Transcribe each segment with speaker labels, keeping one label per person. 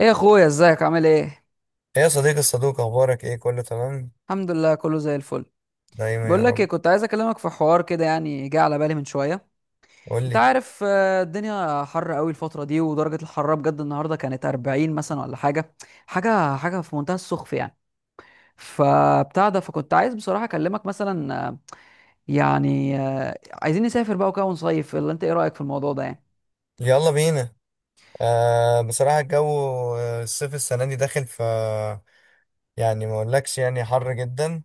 Speaker 1: ايه يا اخويا، ازيك؟ عامل ايه؟
Speaker 2: ايه يا صديقي الصدوق، اخبارك ايه؟ كله تمام؟
Speaker 1: الحمد لله، كله زي الفل.
Speaker 2: دايما
Speaker 1: بقول
Speaker 2: يا
Speaker 1: لك ايه،
Speaker 2: رب.
Speaker 1: كنت عايز اكلمك في حوار كده، يعني جه على بالي من شويه.
Speaker 2: قول
Speaker 1: انت
Speaker 2: لي.
Speaker 1: عارف، الدنيا حر قوي الفتره دي، ودرجه الحراره بجد النهارده كانت 40 مثلا ولا حاجه. حاجه في منتهى السخف يعني. فبتاع ده، فكنت عايز بصراحه اكلمك مثلا، يعني عايزين نسافر بقى وكده ونصيف، ولا انت ايه رايك في الموضوع ده يعني؟
Speaker 2: يلا بينا. بصراحه الجو. الصيف السنه دي داخل يعني ما اقولكش يعني حر جدا.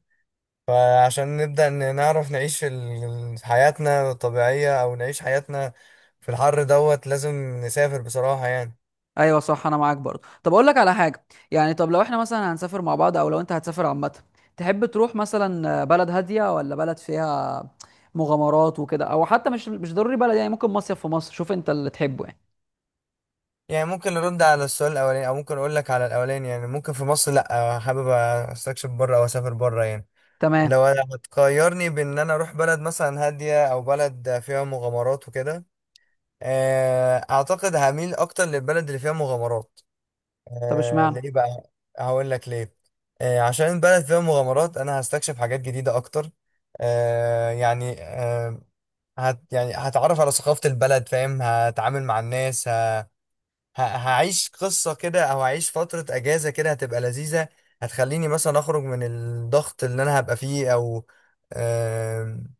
Speaker 2: فعشان نبدا نعرف نعيش في حياتنا الطبيعيه، او نعيش حياتنا في الحر دوت. لازم نسافر بصراحه يعني.
Speaker 1: ايوه صح، انا معاك برضه. طب اقول لك على حاجه يعني، طب لو احنا مثلا هنسافر مع بعض او لو انت هتسافر عامه، تحب تروح مثلا بلد هاديه ولا بلد فيها مغامرات وكده، او حتى مش ضروري بلد يعني، ممكن مصيف في مصر، شوف انت اللي تحبه يعني.
Speaker 2: يعني ممكن نرد على السؤال الاولاني، او ممكن اقول لك على الاولاني. يعني ممكن في مصر لا، حابب استكشف بره او اسافر بره يعني.
Speaker 1: تمام.
Speaker 2: لو انا هتقيرني بان انا اروح بلد مثلا هاديه او بلد فيها مغامرات وكده، اعتقد هميل اكتر للبلد اللي فيها مغامرات.
Speaker 1: طب اشمعنى؟
Speaker 2: ليه بقى؟ هقول لك ليه. عشان البلد فيها مغامرات انا هستكشف حاجات جديده اكتر. آه، يعني آه، يعني هتعرف على ثقافه البلد، فاهم، هتعامل مع الناس. هعيش قصة كده، او هعيش فترة اجازة كده هتبقى لذيذة. هتخليني مثلا اخرج من الضغط اللي انا هبقى فيه، او آم،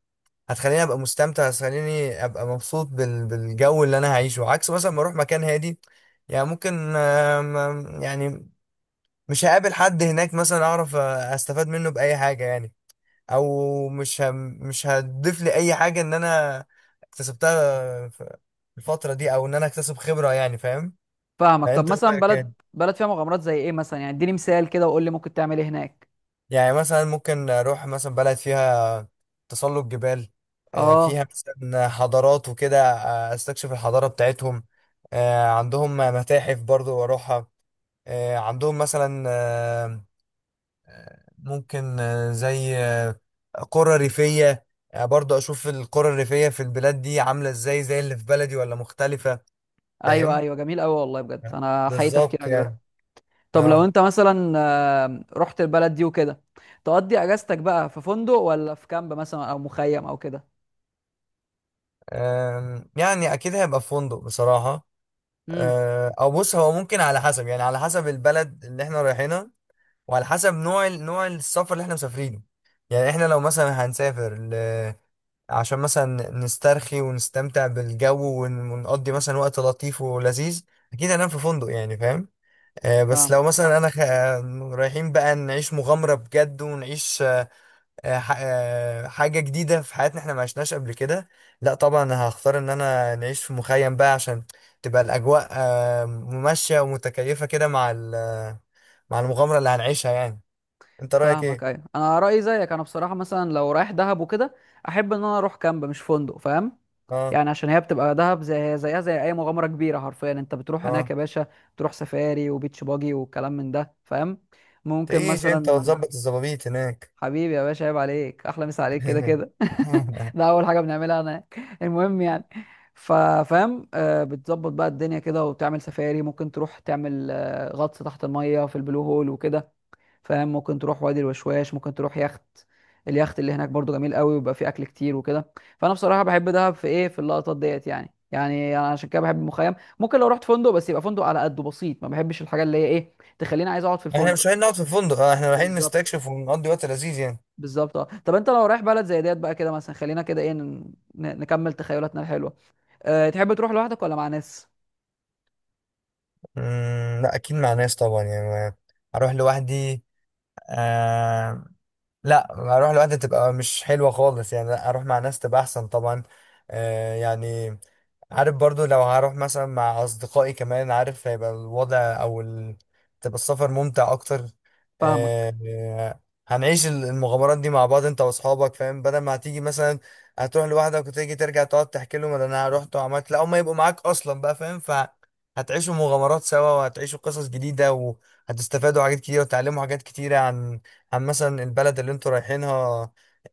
Speaker 2: هتخليني ابقى مستمتع، هتخليني ابقى مبسوط بالجو اللي انا هعيشه، عكس مثلا ما اروح مكان هادي يعني. ممكن يعني مش هقابل حد هناك، مثلا اعرف استفاد منه باي حاجة يعني. او مش هتضيف لي اي حاجة ان انا اكتسبتها في الفترة دي، او ان انا اكتسب خبرة يعني فاهم.
Speaker 1: فاهمك. طب
Speaker 2: انت
Speaker 1: مثلا
Speaker 2: رايك
Speaker 1: بلد
Speaker 2: يعني؟
Speaker 1: بلد فيها مغامرات زي ايه مثلا؟ يعني اديني مثال كده، وقول لي ممكن تعمل ايه هناك.
Speaker 2: يعني مثلا ممكن اروح مثلا بلد فيها تسلق جبال،
Speaker 1: اه،
Speaker 2: فيها مثلا حضارات وكده، استكشف الحضارة بتاعتهم. عندهم متاحف برضو واروحها. عندهم مثلا ممكن زي قرى ريفية. برضو اشوف القرى الريفية في البلاد دي عاملة ازاي، زي اللي في بلدي ولا مختلفة.
Speaker 1: ايوه
Speaker 2: فاهم
Speaker 1: ايوه جميل قوي، والله بجد انا حقيقي
Speaker 2: بالظبط
Speaker 1: تفكيرك ده.
Speaker 2: يعني.
Speaker 1: طب لو
Speaker 2: اه
Speaker 1: انت مثلا رحت البلد دي وكده، تقضي اجازتك بقى في فندق ولا في كامب مثلا او مخيم او كده؟
Speaker 2: يعني اكيد هيبقى في فندق بصراحة.
Speaker 1: امم.
Speaker 2: او بص هو ممكن على حسب يعني، على حسب البلد اللي احنا رايحينها، وعلى حسب نوع نوع السفر اللي احنا مسافرينه. يعني احنا لو مثلا هنسافر عشان مثلا نسترخي ونستمتع بالجو ونقضي مثلا وقت لطيف ولذيذ، اكيد هننام في فندق يعني فاهم. آه بس
Speaker 1: فاهم.
Speaker 2: لو مثلا انا خ... آه، رايحين بقى نعيش مغامرة بجد ونعيش حاجة جديدة في حياتنا احنا ما عشناش قبل كده، لا طبعا أنا هختار ان انا نعيش في مخيم بقى عشان تبقى الاجواء ممشية ومتكيفة كده مع مع المغامرة اللي هنعيشها يعني. انت رأيك
Speaker 1: فاهمك
Speaker 2: ايه؟
Speaker 1: ايوه، انا رايي زيك. انا بصراحه مثلا لو رايح دهب وكده، احب ان انا اروح كامب مش فندق، فاهم؟
Speaker 2: اه،
Speaker 1: يعني عشان هي بتبقى دهب، زي زيها زي اي مغامره كبيره حرفيا، انت بتروح هناك
Speaker 2: اه،
Speaker 1: يا باشا، تروح سفاري وبيتش باجي والكلام من ده، فاهم؟ ممكن
Speaker 2: تعيش انت
Speaker 1: مثلا
Speaker 2: وتظبط الظبابيط هناك.
Speaker 1: حبيبي يا باشا، عيب عليك، احلى مسا عليك كده كده. ده اول حاجه بنعملها هناك، المهم يعني. ففاهم، بتظبط بقى الدنيا كده وبتعمل سفاري، ممكن تروح تعمل غطس تحت الميه في البلو هول وكده، فاهم؟ ممكن تروح وادي الوشواش، ممكن تروح يخت، اليخت اللي هناك برضو جميل قوي ويبقى فيه اكل كتير وكده. فانا بصراحه بحب دهب في ايه، في اللقطات ديت يعني انا عشان كده بحب المخيم. ممكن لو رحت فندق، بس يبقى فندق على قده بسيط، ما بحبش الحاجه اللي هي ايه تخليني عايز اقعد في
Speaker 2: احنا مش
Speaker 1: الفندق.
Speaker 2: رايحين نقعد في فندق، اه احنا رايحين
Speaker 1: بالظبط.
Speaker 2: نستكشف ونقضي وقت لذيذ يعني.
Speaker 1: بالظبط اه. طب انت لو رايح بلد زي ديت بقى كده مثلا، خلينا كده ايه نكمل تخيلاتنا الحلوه. أه، تحب تروح لوحدك ولا مع ناس؟
Speaker 2: لا اكيد مع ناس طبعا يعني. هروح لوحدي. آه لا، اروح لوحدي تبقى مش حلوه خالص يعني، لا اروح مع ناس تبقى احسن طبعا. آه يعني عارف برضو لو هروح مثلا مع اصدقائي كمان، عارف هيبقى الوضع، او تبقى السفر ممتع اكتر.
Speaker 1: فاهمك.
Speaker 2: آه، هنعيش المغامرات دي مع بعض انت واصحابك، فاهم، بدل ما هتيجي مثلا هتروح لوحدك وتيجي ترجع تقعد تحكي لهم ده انا رحت وعملت. لا، هم يبقوا معاك اصلا بقى، فاهم، فهتعيشوا مغامرات سوا وهتعيشوا قصص جديده، وهتستفادوا حاجات كتيره وتتعلموا حاجات كتيره عن مثلا البلد اللي انتوا رايحينها،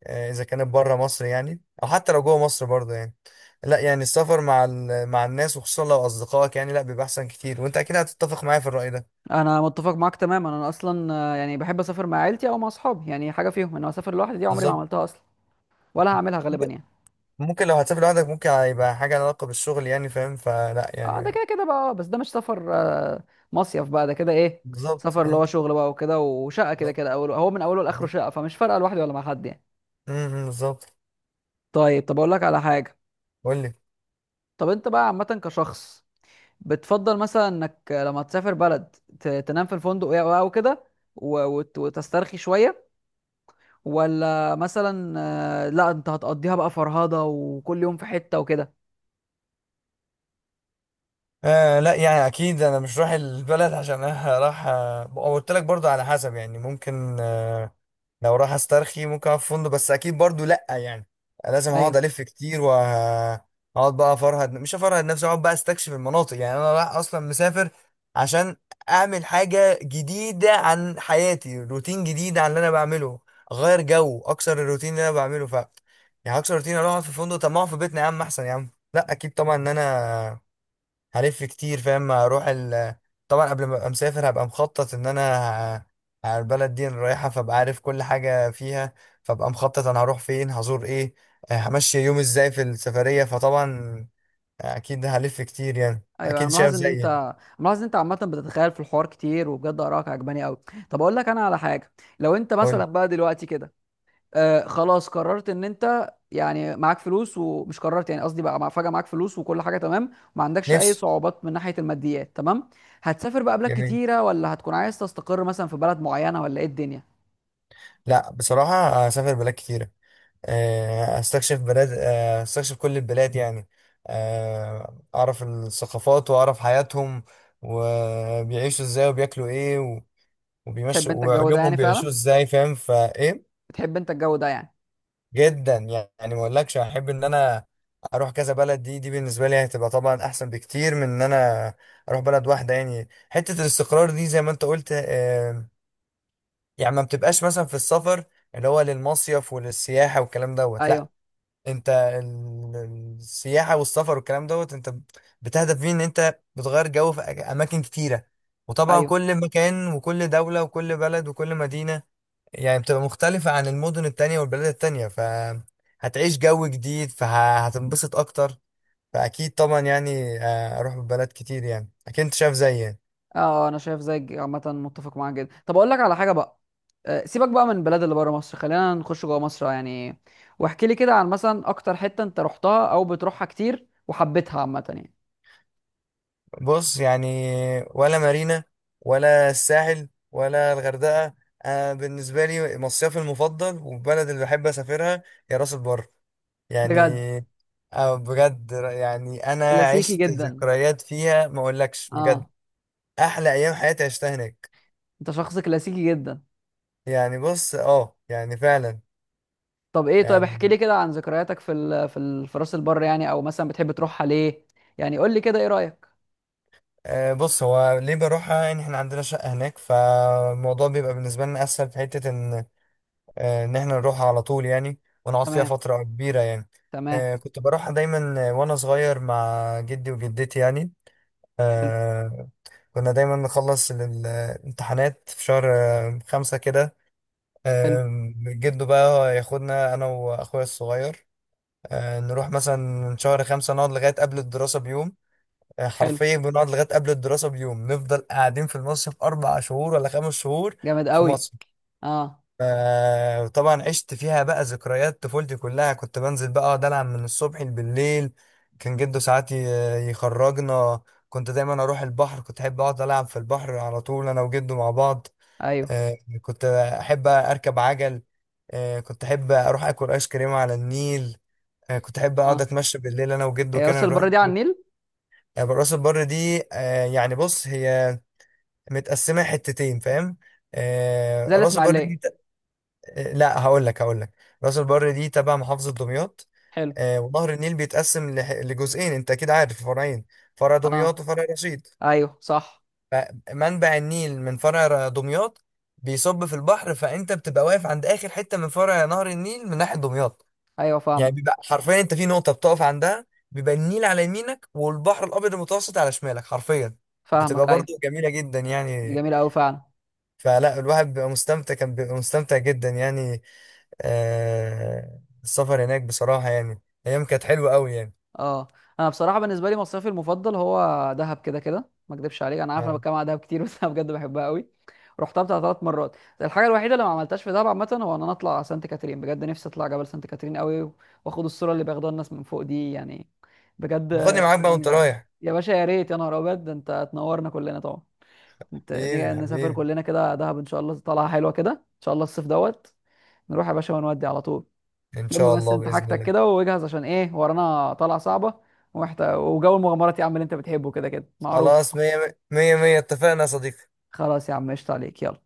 Speaker 2: اذا كانت بره مصر يعني، او حتى لو جوه مصر برضه يعني. لا يعني السفر مع مع الناس، وخصوصا لو اصدقائك يعني، لا بيبقى احسن كتير، وانت اكيد هتتفق معايا في الرأي ده.
Speaker 1: انا متفق معاك تماما، انا اصلا يعني بحب اسافر مع عيلتي او مع اصحابي، يعني حاجه فيهم. انا اسافر لوحدي دي عمري ما
Speaker 2: بالظبط.
Speaker 1: عملتها اصلا، ولا هعملها غالبا يعني.
Speaker 2: ممكن لو هتسافر لوحدك ممكن هيبقى حاجة لها علاقة بالشغل يعني فاهم، فلا
Speaker 1: اه، ده
Speaker 2: يعني.
Speaker 1: كده كده بقى، بس ده مش سفر، مصيف بقى ده كده ايه. سفر
Speaker 2: بالظبط
Speaker 1: اللي
Speaker 2: اه
Speaker 1: هو شغل بقى وكده، وشقه كده
Speaker 2: بالظبط
Speaker 1: كده، اول هو من اوله لاخره
Speaker 2: بالظبط.
Speaker 1: شقه، فمش فارقه لوحدي ولا مع حد يعني.
Speaker 2: بالظبط.
Speaker 1: طيب، طب اقول لك على حاجه.
Speaker 2: قول لي.
Speaker 1: طب انت بقى عامه كشخص، بتفضل مثلا انك لما تسافر بلد تنام في الفندق او أو كده وتسترخي شوية، ولا مثلا لا انت هتقضيها بقى فرهضة وكل يوم في حتة وكده؟
Speaker 2: آه لا يعني اكيد انا مش رايح البلد عشان أنا رايح، وقلت لك برضو على حسب يعني. ممكن لو راح استرخي ممكن اقعد في فندق، بس اكيد برضو لا يعني لازم
Speaker 1: ايوه
Speaker 2: هقعد الف كتير، وهقعد بقى افرهد. مش افرهد نفسي، اقعد بقى استكشف المناطق. يعني انا رايح اصلا مسافر عشان اعمل حاجه جديده عن حياتي، روتين جديد عن اللي انا بعمله، اغير جو، اكسر الروتين اللي انا بعمله يعني هكسر الروتين اروح أقعد في فندق؟ طب ما اقعد في بيتنا يا عم احسن يا عم. لا اكيد طبعا ان انا هلف كتير، فاهم، هروح طبعا قبل ما ابقى مسافر هبقى مخطط ان انا على البلد دي أنا رايحه، فابقى عارف كل حاجه فيها، فابقى مخطط انا هروح فين، هزور ايه، همشي يومي ازاي في السفريه. فطبعا اكيد هلف كتير يعني،
Speaker 1: ايوه، انا
Speaker 2: اكيد شايف
Speaker 1: ملاحظ ان
Speaker 2: زيي يعني.
Speaker 1: انت ملاحظ ان انت عامة بتتخيل في الحوار كتير، وبجد آرائك عجباني قوي. طب اقول لك انا على حاجة. لو انت مثلا
Speaker 2: قول.
Speaker 1: بقى دلوقتي كده خلاص قررت ان انت يعني معاك فلوس، ومش قررت، يعني قصدي بقى فجأة معاك فلوس وكل حاجة تمام وما عندكش اي
Speaker 2: نفسي.
Speaker 1: صعوبات من ناحية الماديات تمام، هتسافر بقى بلاد
Speaker 2: جميل.
Speaker 1: كتيرة ولا هتكون عايز تستقر مثلا في بلد معينة ولا ايه الدنيا؟
Speaker 2: لا بصراحه هسافر بلاد كتيره. استكشف بلاد، استكشف كل البلاد يعني. اعرف الثقافات واعرف حياتهم، وبيعيشوا ازاي وبياكلوا ايه، وبيمشي
Speaker 1: تحب انت الجو ده
Speaker 2: ويومهم
Speaker 1: يعني
Speaker 2: بيعيشوه
Speaker 1: فعلا؟
Speaker 2: ازاي، فاهم فايه.
Speaker 1: بتحب انت الجو ده يعني؟
Speaker 2: جدا. يعني ما اقولكش هحب ان انا اروح كذا بلد. دي بالنسبه لي هتبقى طبعا احسن بكتير من ان انا اروح بلد واحده يعني. حته الاستقرار دي زي ما انت قلت، يعني ما بتبقاش مثلا في السفر اللي هو للمصيف وللسياحه والكلام دوت. لا
Speaker 1: ايوه
Speaker 2: انت السياحه والسفر والكلام دوت، انت بتهدف فيه ان انت بتغير جو في اماكن كتيره. وطبعا
Speaker 1: ايوه
Speaker 2: كل مكان وكل دوله وكل بلد وكل مدينه يعني بتبقى مختلفة عن المدن التانية والبلاد التانية، فهتعيش جو جديد فهتنبسط أكتر. فأكيد طبعا يعني أروح بلاد كتير يعني، أكيد أنت شايف زيي يعني.
Speaker 1: اه، انا شايف زيك عامة، متفق معاك جدا. طب اقول لك على حاجة بقى، سيبك بقى من البلاد اللي بره مصر، خلينا نخش جوه مصر يعني. واحكي لي كده عن مثلا اكتر حتة انت رحتها او بتروحها كتير وحبيتها عامة يعني.
Speaker 2: بص يعني. ولا مارينا، ولا الساحل، ولا الغردقة. أنا بالنسبة لي مصيفي المفضل، والبلد اللي بحب أسافرها هي راس البر يعني.
Speaker 1: بجد؟
Speaker 2: بجد يعني أنا
Speaker 1: كلاسيكي
Speaker 2: عشت
Speaker 1: جدا.
Speaker 2: ذكريات فيها ما أقولكش بجد.
Speaker 1: اه،
Speaker 2: أحلى أيام حياتي عشتها هناك.
Speaker 1: انت شخص كلاسيكي جدا.
Speaker 2: يعني بص اه يعني فعلا.
Speaker 1: طب ايه، طيب
Speaker 2: يعني
Speaker 1: احكي لي كده عن ذكرياتك في في راس البر يعني، او مثلا بتحب تروحها ليه؟ يعني قول لي كده، ايه رايك؟
Speaker 2: بص هو ليه بروحها يعني؟ احنا عندنا شقة هناك، فالموضوع بيبقى بالنسبة لنا أسهل في حتة، إن إن احنا نروحها على طول يعني، ونقعد فيها
Speaker 1: تمام
Speaker 2: فترة كبيرة يعني.
Speaker 1: تمام.
Speaker 2: كنت بروحها دايما وأنا صغير مع جدي وجدتي يعني.
Speaker 1: حلو.
Speaker 2: آه، كنا دايما نخلص الامتحانات في شهر 5 كده.
Speaker 1: حلو.
Speaker 2: آه، جده بقى ياخدنا أنا وأخويا الصغير، نروح مثلا شهر 5، نقعد لغاية قبل الدراسة بيوم.
Speaker 1: حلو.
Speaker 2: حرفيا بنقعد لغايه قبل الدراسه بيوم، نفضل قاعدين في المصيف 4 شهور ولا 5 شهور
Speaker 1: جامد
Speaker 2: في
Speaker 1: قوي.
Speaker 2: مصر.
Speaker 1: اه.
Speaker 2: طبعا عشت فيها بقى ذكريات طفولتي كلها، كنت بنزل بقى اقعد العب من الصبح بالليل. كان جده ساعات يخرجنا. كنت دايما اروح البحر، كنت احب اقعد العب في البحر على طول انا وجده مع بعض.
Speaker 1: ايوه.
Speaker 2: آه، كنت احب اركب عجل. كنت احب اروح اكل ايس كريم على النيل. كنت احب اقعد
Speaker 1: اه،
Speaker 2: اتمشى بالليل انا وجده
Speaker 1: هي راس
Speaker 2: كنا نروح.
Speaker 1: البر دي على النيل
Speaker 2: يعني راس البر دي يعني بص هي متقسمه حتتين فاهم. آه،
Speaker 1: زي
Speaker 2: راس البر دي
Speaker 1: الاسماعيليه؟
Speaker 2: ت- آه، لا هقول لك، راس البر دي تبع محافظه دمياط.
Speaker 1: حلو.
Speaker 2: ونهر النيل بيتقسم لجزئين. انت اكيد عارف فرعين: فرع دمياط
Speaker 1: اه
Speaker 2: وفرع رشيد.
Speaker 1: ايوه صح.
Speaker 2: فمنبع النيل من فرع دمياط بيصب في البحر، فانت بتبقى واقف عند اخر حته من فرع نهر النيل من ناحيه دمياط.
Speaker 1: ايوه
Speaker 2: يعني
Speaker 1: فاهمك.
Speaker 2: بيبقى حرفيا انت في نقطه بتقف عندها بيبقى النيل على يمينك والبحر الابيض المتوسط على شمالك حرفيا، بتبقى
Speaker 1: فاهمك ايوه،
Speaker 2: برضو جميله جدا
Speaker 1: دي
Speaker 2: يعني.
Speaker 1: جميله قوي فعلا.
Speaker 2: فلا الواحد بيبقى مستمتع، كان بيبقى مستمتع جدا يعني. آه السفر هناك بصراحه يعني ايام كانت حلوه قوي يعني.
Speaker 1: اه، انا بصراحه بالنسبه لي مصيفي المفضل هو دهب، كده كده ما اكدبش عليك. انا عارف انا
Speaker 2: اه
Speaker 1: بتكلم على دهب كتير، بس انا بجد بحبها قوي. رحتها بتاع 3 مرات. الحاجه الوحيده اللي ما عملتهاش في دهب عامه هو ان انا اطلع سانت كاترين. بجد نفسي اطلع جبل سانت كاترين قوي، واخد الصوره اللي بياخدوها الناس من فوق دي يعني، بجد
Speaker 2: باخدني
Speaker 1: بتبقى
Speaker 2: معاك بقى وانت
Speaker 1: جميله قوي.
Speaker 2: رايح.
Speaker 1: يا باشا يا ريت، يا نهار ابيض، ده انت تنورنا كلنا طبعا. انت
Speaker 2: حبيبي
Speaker 1: نيجي نسافر
Speaker 2: حبيبي.
Speaker 1: كلنا كده دهب ان شاء الله، طالعه حلوه كده ان شاء الله الصيف دوت. نروح يا باشا ونودي على طول.
Speaker 2: ان
Speaker 1: لما
Speaker 2: شاء
Speaker 1: بس
Speaker 2: الله
Speaker 1: انت
Speaker 2: باذن
Speaker 1: حاجتك
Speaker 2: الله.
Speaker 1: كده واجهز، عشان ايه ورانا طلعه صعبه، ومحتاج وجو المغامرات يا عم اللي انت بتحبه كده كده معروف.
Speaker 2: خلاص مية مية مية اتفقنا يا صديقي.
Speaker 1: خلاص يا عم، قشطة عليك، يلا.